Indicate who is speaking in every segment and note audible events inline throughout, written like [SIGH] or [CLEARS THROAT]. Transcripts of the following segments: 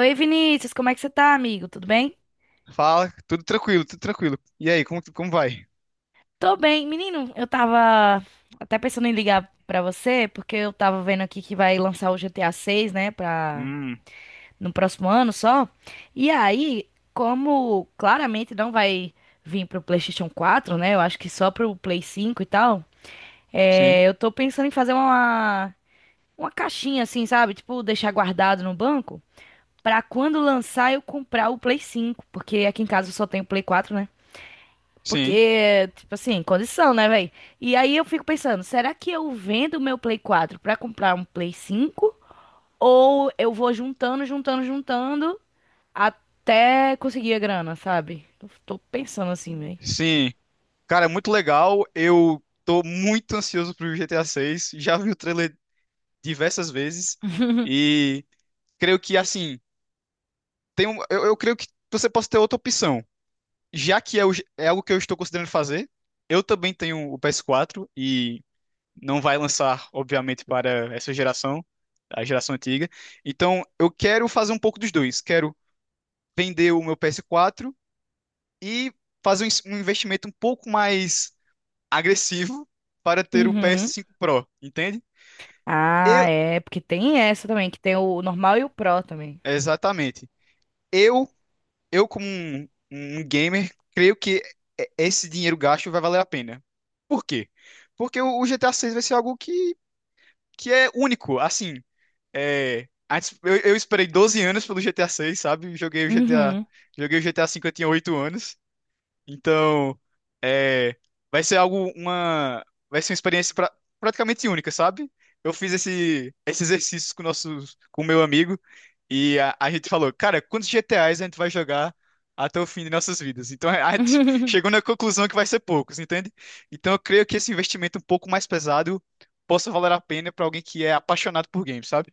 Speaker 1: Oi, Vinícius, como é que você tá, amigo? Tudo bem?
Speaker 2: Fala, tudo tranquilo, tudo tranquilo. E aí, como vai?
Speaker 1: Tô bem. Menino, eu tava até pensando em ligar pra você, porque eu tava vendo aqui que vai lançar o GTA 6, né, pra...
Speaker 2: Hum,
Speaker 1: no próximo ano só. E aí, como claramente não vai vir pro PlayStation 4, né, eu acho que só pro Play 5 e tal,
Speaker 2: sim,
Speaker 1: eu tô pensando em fazer uma caixinha assim, sabe? Tipo, deixar guardado no banco, pra quando lançar eu comprar o Play 5, porque aqui em casa eu só tenho o Play 4, né?
Speaker 2: sim,
Speaker 1: Porque, tipo assim, condição, né, velho? E aí eu fico pensando, será que eu vendo o meu Play 4 pra comprar um Play 5? Ou eu vou juntando, juntando, juntando até conseguir a grana, sabe? Eu tô pensando assim, velho.
Speaker 2: sim. Cara, muito legal. Eu tô muito ansioso pro GTA 6. Já vi o trailer diversas vezes
Speaker 1: [LAUGHS]
Speaker 2: e creio que assim, eu creio que você possa ter outra opção. Já que é algo que eu estou considerando fazer, eu também tenho o PS4 e não vai lançar, obviamente, para essa geração, a geração antiga. Então, eu quero fazer um pouco dos dois. Quero vender o meu PS4 e fazer um investimento um pouco mais agressivo para ter o
Speaker 1: Uhum.
Speaker 2: PS5 Pro, entende?
Speaker 1: Ah,
Speaker 2: Eu,
Speaker 1: é, porque tem essa também, que tem o normal e o pro também.
Speaker 2: exatamente. Eu, eu, como um gamer, creio que esse dinheiro gasto vai valer a pena. Por quê? Porque o GTA 6 vai ser algo que é único, assim. Eu esperei 12 anos pelo GTA 6, sabe?
Speaker 1: Uhum.
Speaker 2: Joguei o GTA 5, eu tinha 8 anos. Então, é, vai ser algo, uma, vai ser uma experiência praticamente única, sabe? Eu fiz esse exercício com meu amigo, e a gente falou: cara, quantos GTAs a gente vai jogar até o fim de nossas vidas? Então a gente [LAUGHS] chegou
Speaker 1: [LAUGHS]
Speaker 2: na conclusão que vai ser poucos, entende? Então eu creio que esse investimento um pouco mais pesado possa valer a pena para alguém que é apaixonado por games, sabe?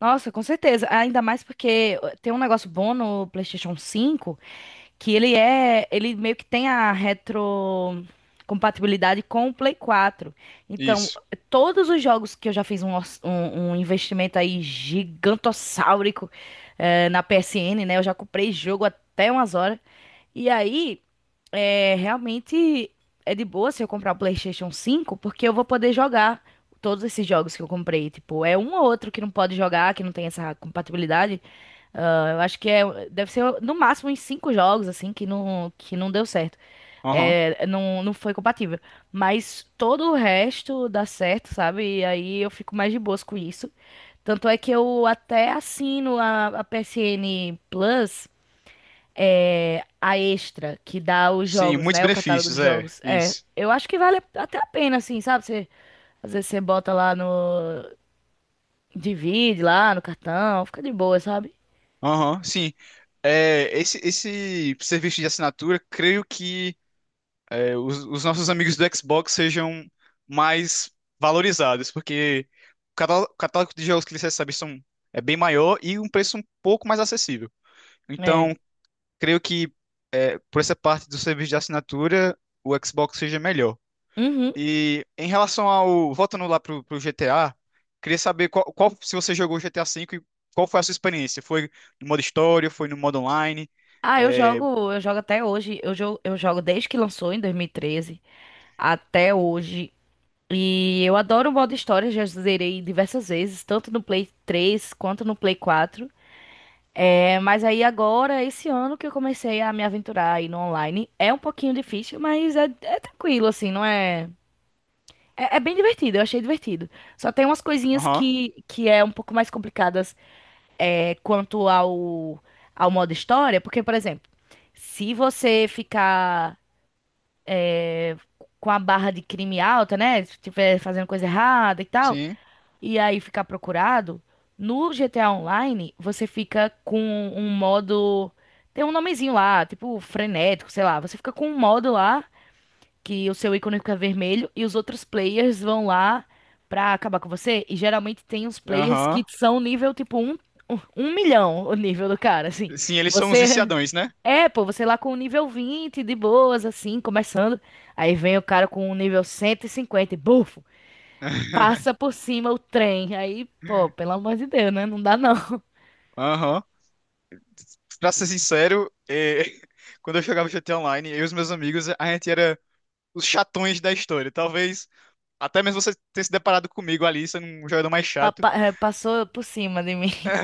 Speaker 1: Nossa, com certeza. Ainda mais porque tem um negócio bom no PlayStation 5, que ele é, ele meio que tem a retrocompatibilidade com o Play 4. Então,
Speaker 2: Isso.
Speaker 1: todos os jogos que eu já fiz um, um investimento aí gigantossáurico na PSN, né? Eu já comprei jogo até umas horas. E aí, é, realmente é de boa se eu comprar o PlayStation 5, porque eu vou poder jogar todos esses jogos que eu comprei. Tipo, é um ou outro que não pode jogar, que não tem essa compatibilidade, ah, eu acho que é, deve ser no máximo em cinco jogos, assim, que não deu certo.
Speaker 2: Aham.
Speaker 1: É, não, não foi compatível. Mas todo o resto dá certo, sabe? E aí eu fico mais de boas com isso. Tanto é que eu até assino a PSN Plus, é, a extra, que dá os
Speaker 2: Sim,
Speaker 1: jogos,
Speaker 2: muitos
Speaker 1: né? O catálogo de
Speaker 2: benefícios, é,
Speaker 1: jogos. É,
Speaker 2: isso.
Speaker 1: eu acho que vale até a pena, assim, sabe? Você, às vezes você bota lá no. Divide lá no cartão, fica de boa, sabe?
Speaker 2: Aham, sim. É, esse serviço de assinatura, creio que os nossos amigos do Xbox sejam mais valorizados, porque o catálogo de jogos que eles recebem é bem maior, e um preço um pouco mais acessível.
Speaker 1: É.
Speaker 2: Então, creio que por essa parte do serviço de assinatura, o Xbox seja melhor.
Speaker 1: Uhum.
Speaker 2: E em relação ao. Voltando lá pro GTA, queria saber qual, se você jogou GTA V e qual foi a sua experiência? Foi no modo história, foi no modo online?
Speaker 1: Ah,
Speaker 2: É,
Speaker 1: eu jogo até hoje. Eu jogo desde que lançou em 2013 até hoje. E eu adoro o modo história, já zerei diversas vezes, tanto no Play 3 quanto no Play 4. É, mas aí agora, esse ano que eu comecei a me aventurar aí no online, é um pouquinho difícil, mas é, é tranquilo, assim, não é, é. É bem divertido, eu achei divertido. Só tem umas coisinhas
Speaker 2: aham,
Speaker 1: que é um pouco mais complicadas é, quanto ao modo história, porque, por exemplo, se você ficar com a barra de crime alta, né? Se estiver fazendo coisa errada e tal,
Speaker 2: sim.
Speaker 1: e aí ficar procurado, no GTA Online você fica com um modo. Tem um nomezinho lá, tipo frenético, sei lá. Você fica com um modo lá que o seu ícone fica vermelho e os outros players vão lá pra acabar com você. E geralmente tem uns players que
Speaker 2: Aham.
Speaker 1: são nível tipo um, um milhão o nível do cara, assim.
Speaker 2: Sim, eles são uns
Speaker 1: Você
Speaker 2: viciadões, né?
Speaker 1: é, pô, você lá com o nível 20 de boas, assim, começando. Aí vem o cara com o nível cento e, cinquenta e bufo, passa
Speaker 2: [LAUGHS]
Speaker 1: por cima o trem. Aí, pô, pelo amor de Deus, né? Não dá não. [LAUGHS]
Speaker 2: Aham. Pra ser sincero, [LAUGHS] quando eu jogava GTA Online, eu e os meus amigos, a gente era os chatões da história. Talvez até mesmo você tenha se deparado comigo ali, sendo um jogador mais chato.
Speaker 1: Passou por cima de mim. [LAUGHS]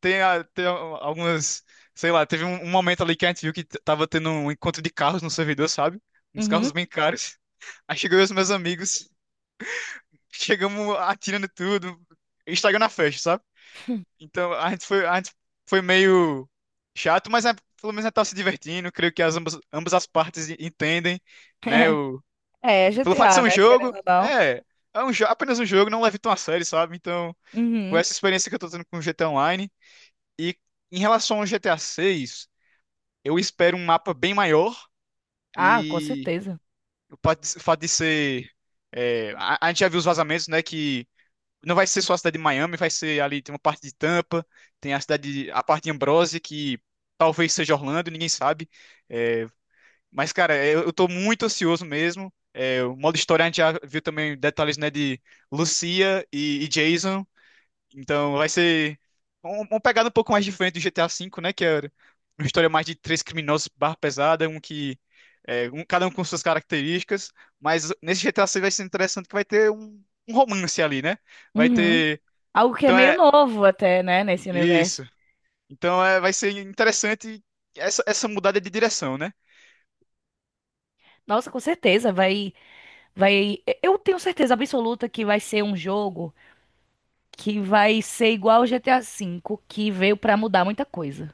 Speaker 2: Algumas. Sei lá, teve um momento ali que a gente viu que tava tendo um encontro de carros no servidor, sabe? Uns
Speaker 1: Uhum.
Speaker 2: carros bem caros. Aí chegou eu e os meus amigos, chegamos atirando tudo, estragando a festa, sabe? Então a gente foi meio chato, mas pelo menos a gente tava se divertindo. Creio que ambas as partes entendem, né?
Speaker 1: [LAUGHS] É,
Speaker 2: Pelo fato de ser
Speaker 1: GTA,
Speaker 2: um
Speaker 1: né?
Speaker 2: jogo,
Speaker 1: Querendo ou não.
Speaker 2: apenas um jogo, não leve tão a sério, sabe? Então foi
Speaker 1: Uhum.
Speaker 2: essa experiência que eu tô tendo com o GTA Online. E em relação ao GTA 6. Eu espero um mapa bem maior,
Speaker 1: Ah, com
Speaker 2: e
Speaker 1: certeza.
Speaker 2: o fato de ser. A gente já viu os vazamentos, né? Que não vai ser só a cidade de Miami, vai ser ali, tem uma parte de Tampa, tem a parte de Ambrose, que talvez seja Orlando, ninguém sabe. É, mas, cara, eu tô muito ansioso mesmo. É, o modo história a gente já viu também detalhes, né, de Lucia e Jason. Então vai ser uma pegada um pouco mais diferente do GTA V, né? Que é uma história mais de três criminosos barra pesada, cada um com suas características. Mas nesse GTA 6 vai ser interessante que vai ter um romance ali, né? Vai
Speaker 1: Uhum.
Speaker 2: ter.
Speaker 1: Algo que é
Speaker 2: Então
Speaker 1: meio
Speaker 2: é
Speaker 1: novo até, né, nesse universo.
Speaker 2: isso. Então vai ser interessante essa mudada de direção, né?
Speaker 1: Nossa, com certeza vai eu tenho certeza absoluta que vai ser um jogo que vai ser igual o GTA V, que veio pra mudar muita coisa.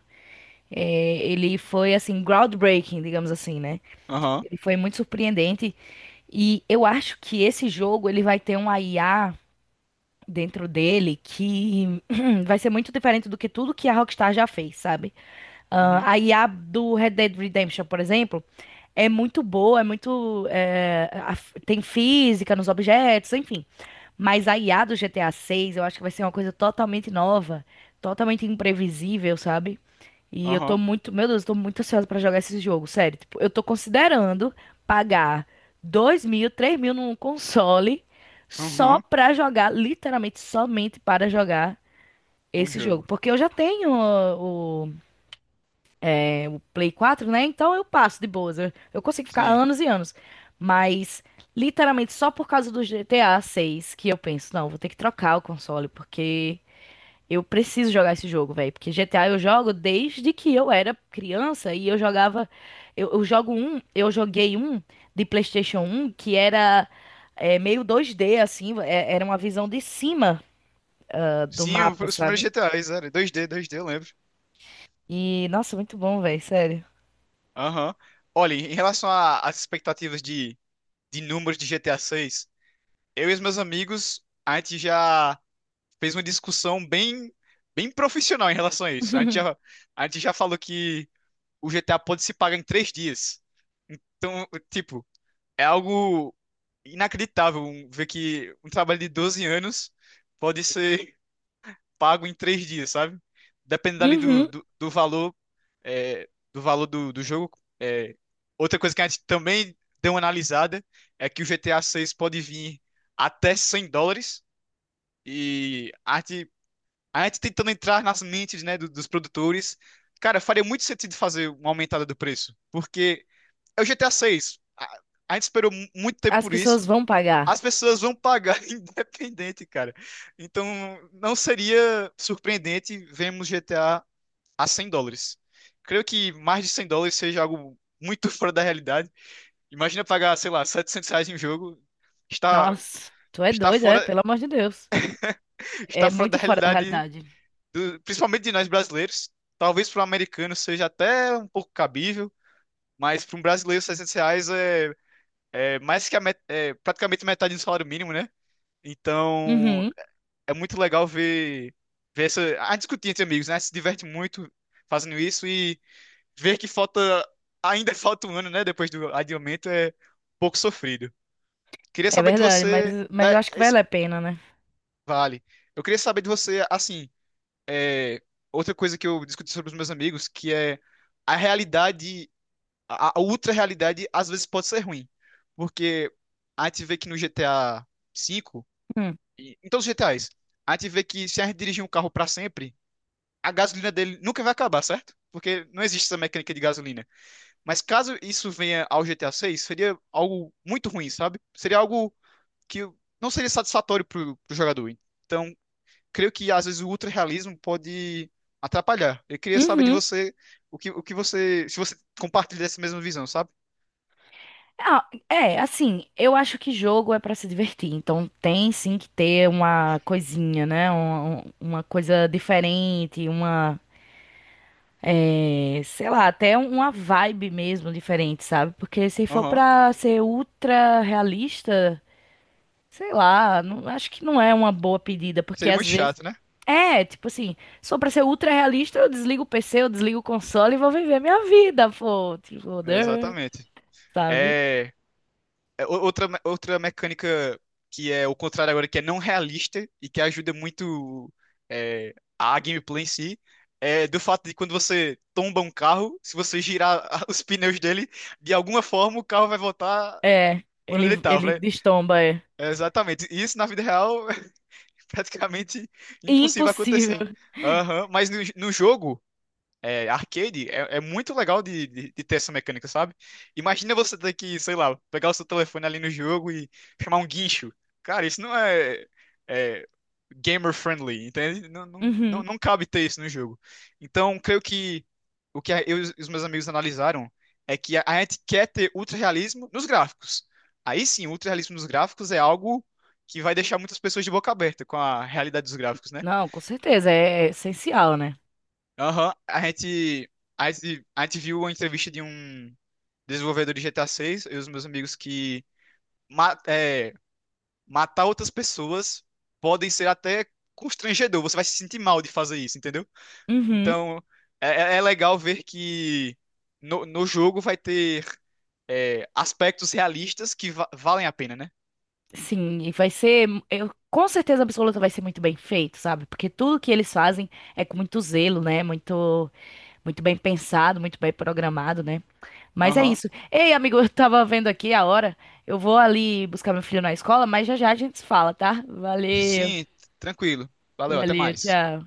Speaker 1: É, ele foi assim groundbreaking, digamos assim, né?
Speaker 2: Aham.
Speaker 1: Ele foi muito surpreendente e eu acho que esse jogo ele vai ter um IA dentro dele que [CLEARS THROAT] vai ser muito diferente do que tudo que a Rockstar já fez, sabe?
Speaker 2: Uhum.
Speaker 1: Ah, a IA do Red Dead Redemption, por exemplo, é muito boa, é muito. É, a- tem física nos objetos, enfim. Mas a IA do GTA 6, eu acho que vai ser uma coisa totalmente nova, totalmente imprevisível, sabe? E eu tô
Speaker 2: Aham.
Speaker 1: muito, meu Deus, eu tô muito ansiosa pra jogar esse jogo, sério. Tipo, eu tô considerando pagar 2 mil, 3 mil num console só
Speaker 2: Uhum.
Speaker 1: pra jogar, literalmente somente para jogar
Speaker 2: Um
Speaker 1: esse jogo.
Speaker 2: jogo.
Speaker 1: Porque eu já tenho Play 4, né? Então eu passo de boas. Eu consigo ficar
Speaker 2: Sim.
Speaker 1: anos e anos. Mas, literalmente, só por causa do GTA seis que eu penso, não, vou ter que trocar o console, porque eu preciso jogar esse jogo, velho. Porque GTA eu jogo desde que eu era criança e eu jogava. Eu jogo um, eu joguei um de PlayStation um que era é, meio dois d assim, era uma visão de cima ah, do
Speaker 2: Sim,
Speaker 1: mapa,
Speaker 2: os primeiros
Speaker 1: sabe?
Speaker 2: GTAs, era 2D, 2D, eu lembro.
Speaker 1: E, nossa, muito bom, velho, sério.
Speaker 2: Aham. Olha, em relação às expectativas de números de GTA 6. Eu e os meus amigos, a gente já fez uma discussão bem, bem profissional em relação a isso. A gente já,
Speaker 1: [LAUGHS]
Speaker 2: a gente já falou que o GTA pode se pagar em 3 dias. Então, tipo, é algo inacreditável, ver que um trabalho de 12 anos pode ser pago em 3 dias, sabe? Dependendo ali do,
Speaker 1: Uhum.
Speaker 2: do, do valor, do valor do jogo. É. Outra coisa que a gente também deu uma analisada é que o GTA 6 pode vir até US$ 100, e a gente tentando entrar nas mentes, né, dos produtores. Cara, faria muito sentido fazer uma aumentada do preço, porque é o GTA 6. 6. A gente esperou muito tempo
Speaker 1: As
Speaker 2: por
Speaker 1: pessoas
Speaker 2: isso.
Speaker 1: vão pagar.
Speaker 2: As pessoas vão pagar [LAUGHS] independente, cara. Então, não seria surpreendente vermos GTA a US$ 100. Creio que mais de US$ 100 seja algo muito [LAUGHS] fora da realidade. Imagina pagar, sei lá, R$ 700 em um jogo. Está,
Speaker 1: Nossa, tu é
Speaker 2: está
Speaker 1: doido, é?
Speaker 2: fora,
Speaker 1: Pelo amor de Deus.
Speaker 2: [LAUGHS] está
Speaker 1: É
Speaker 2: fora
Speaker 1: muito
Speaker 2: da
Speaker 1: fora da
Speaker 2: realidade,
Speaker 1: realidade.
Speaker 2: principalmente de nós brasileiros. Talvez para um americano seja até um pouco cabível, mas para um brasileiro, R$ 700 é é mais que a met é praticamente metade do salário mínimo, né? Então
Speaker 1: Uhum,
Speaker 2: é muito legal ver, ver essa. A discutir entre amigos, né? A gente se diverte muito fazendo isso, e ver que falta. Ainda [LAUGHS] falta um ano, né? Depois do adiamento é um pouco sofrido. Queria
Speaker 1: é
Speaker 2: saber de
Speaker 1: verdade,
Speaker 2: você.
Speaker 1: mas eu acho que vale a pena, né?
Speaker 2: Vale. Eu queria saber de você, assim. é, Outra coisa que eu discuti sobre os meus amigos, que é a realidade. A ultra realidade às vezes pode ser ruim. Porque a gente vê que no GTA V.
Speaker 1: Hum.
Speaker 2: Em todos os GTAs, a gente vê que se a gente dirigir um carro para sempre, a gasolina dele nunca vai acabar, certo? Porque não existe essa mecânica de gasolina. Mas caso isso venha ao GTA 6, seria algo muito ruim, sabe? Seria algo que não seria satisfatório pro jogador. Então, creio que às vezes o ultra-realismo pode atrapalhar. Eu queria saber de
Speaker 1: Uhum.
Speaker 2: você o que você. Se você compartilha dessa mesma visão, sabe?
Speaker 1: Ah, é, assim, eu acho que jogo é pra se divertir, então tem sim que ter uma coisinha, né? Uma coisa diferente, uma, é, sei lá, até uma vibe mesmo diferente, sabe? Porque se for
Speaker 2: Aham.
Speaker 1: pra ser ultra realista, sei lá, não, acho que não é uma boa pedida, porque
Speaker 2: Seria muito
Speaker 1: às vezes
Speaker 2: chato, né?
Speaker 1: É, tipo assim, só pra ser ultra realista, eu desligo o PC, eu desligo o console e vou viver minha vida, pô. Tipo, né,
Speaker 2: Exatamente.
Speaker 1: sabe?
Speaker 2: É. Outra mecânica, que é o contrário agora, que é não realista e que ajuda muito a gameplay em si, é do fato de, quando você tomba um carro, se você girar [LAUGHS] os pneus dele, de alguma forma o carro vai voltar
Speaker 1: É,
Speaker 2: por onde
Speaker 1: ele,
Speaker 2: ele estava,
Speaker 1: ele
Speaker 2: né?
Speaker 1: destomba, é.
Speaker 2: É, exatamente. E isso na vida real [LAUGHS] é praticamente impossível acontecer.
Speaker 1: Impossível.
Speaker 2: Aham. Mas no jogo arcade, é muito legal de ter essa mecânica, sabe? Imagina você ter que, sei lá, pegar o seu telefone ali no jogo e chamar um guincho. Cara, isso não é gamer friendly, entende? Não, não, não,
Speaker 1: Uhum.
Speaker 2: não cabe ter isso no jogo. Então, creio que o que eu e os meus amigos analisaram é que a gente quer ter ultra-realismo nos gráficos. Aí sim, o ultra-realismo nos gráficos é algo que vai deixar muitas pessoas de boca aberta com a realidade dos gráficos, né?
Speaker 1: Não, com certeza, é é essencial, né?
Speaker 2: Aham, a gente viu uma entrevista de um desenvolvedor de GTA 6, eu e os meus amigos, que ma- é, matar outras pessoas podem ser até constrangedor, você vai se sentir mal de fazer isso, entendeu?
Speaker 1: Uhum.
Speaker 2: Então, é, é legal ver que no jogo vai ter aspectos realistas que valem a pena, né?
Speaker 1: Sim, e vai ser, eu, com certeza absoluta vai ser muito bem feito, sabe? Porque tudo que eles fazem é com muito zelo, né? Muito, muito bem pensado, muito bem programado, né? Mas é
Speaker 2: Aham.
Speaker 1: isso. Ei, amigo, eu tava vendo aqui a hora. Eu vou ali buscar meu filho na escola, mas já já a gente se fala, tá? Valeu,
Speaker 2: Sim, tranquilo. Valeu, até
Speaker 1: valeu,
Speaker 2: mais.
Speaker 1: tchau.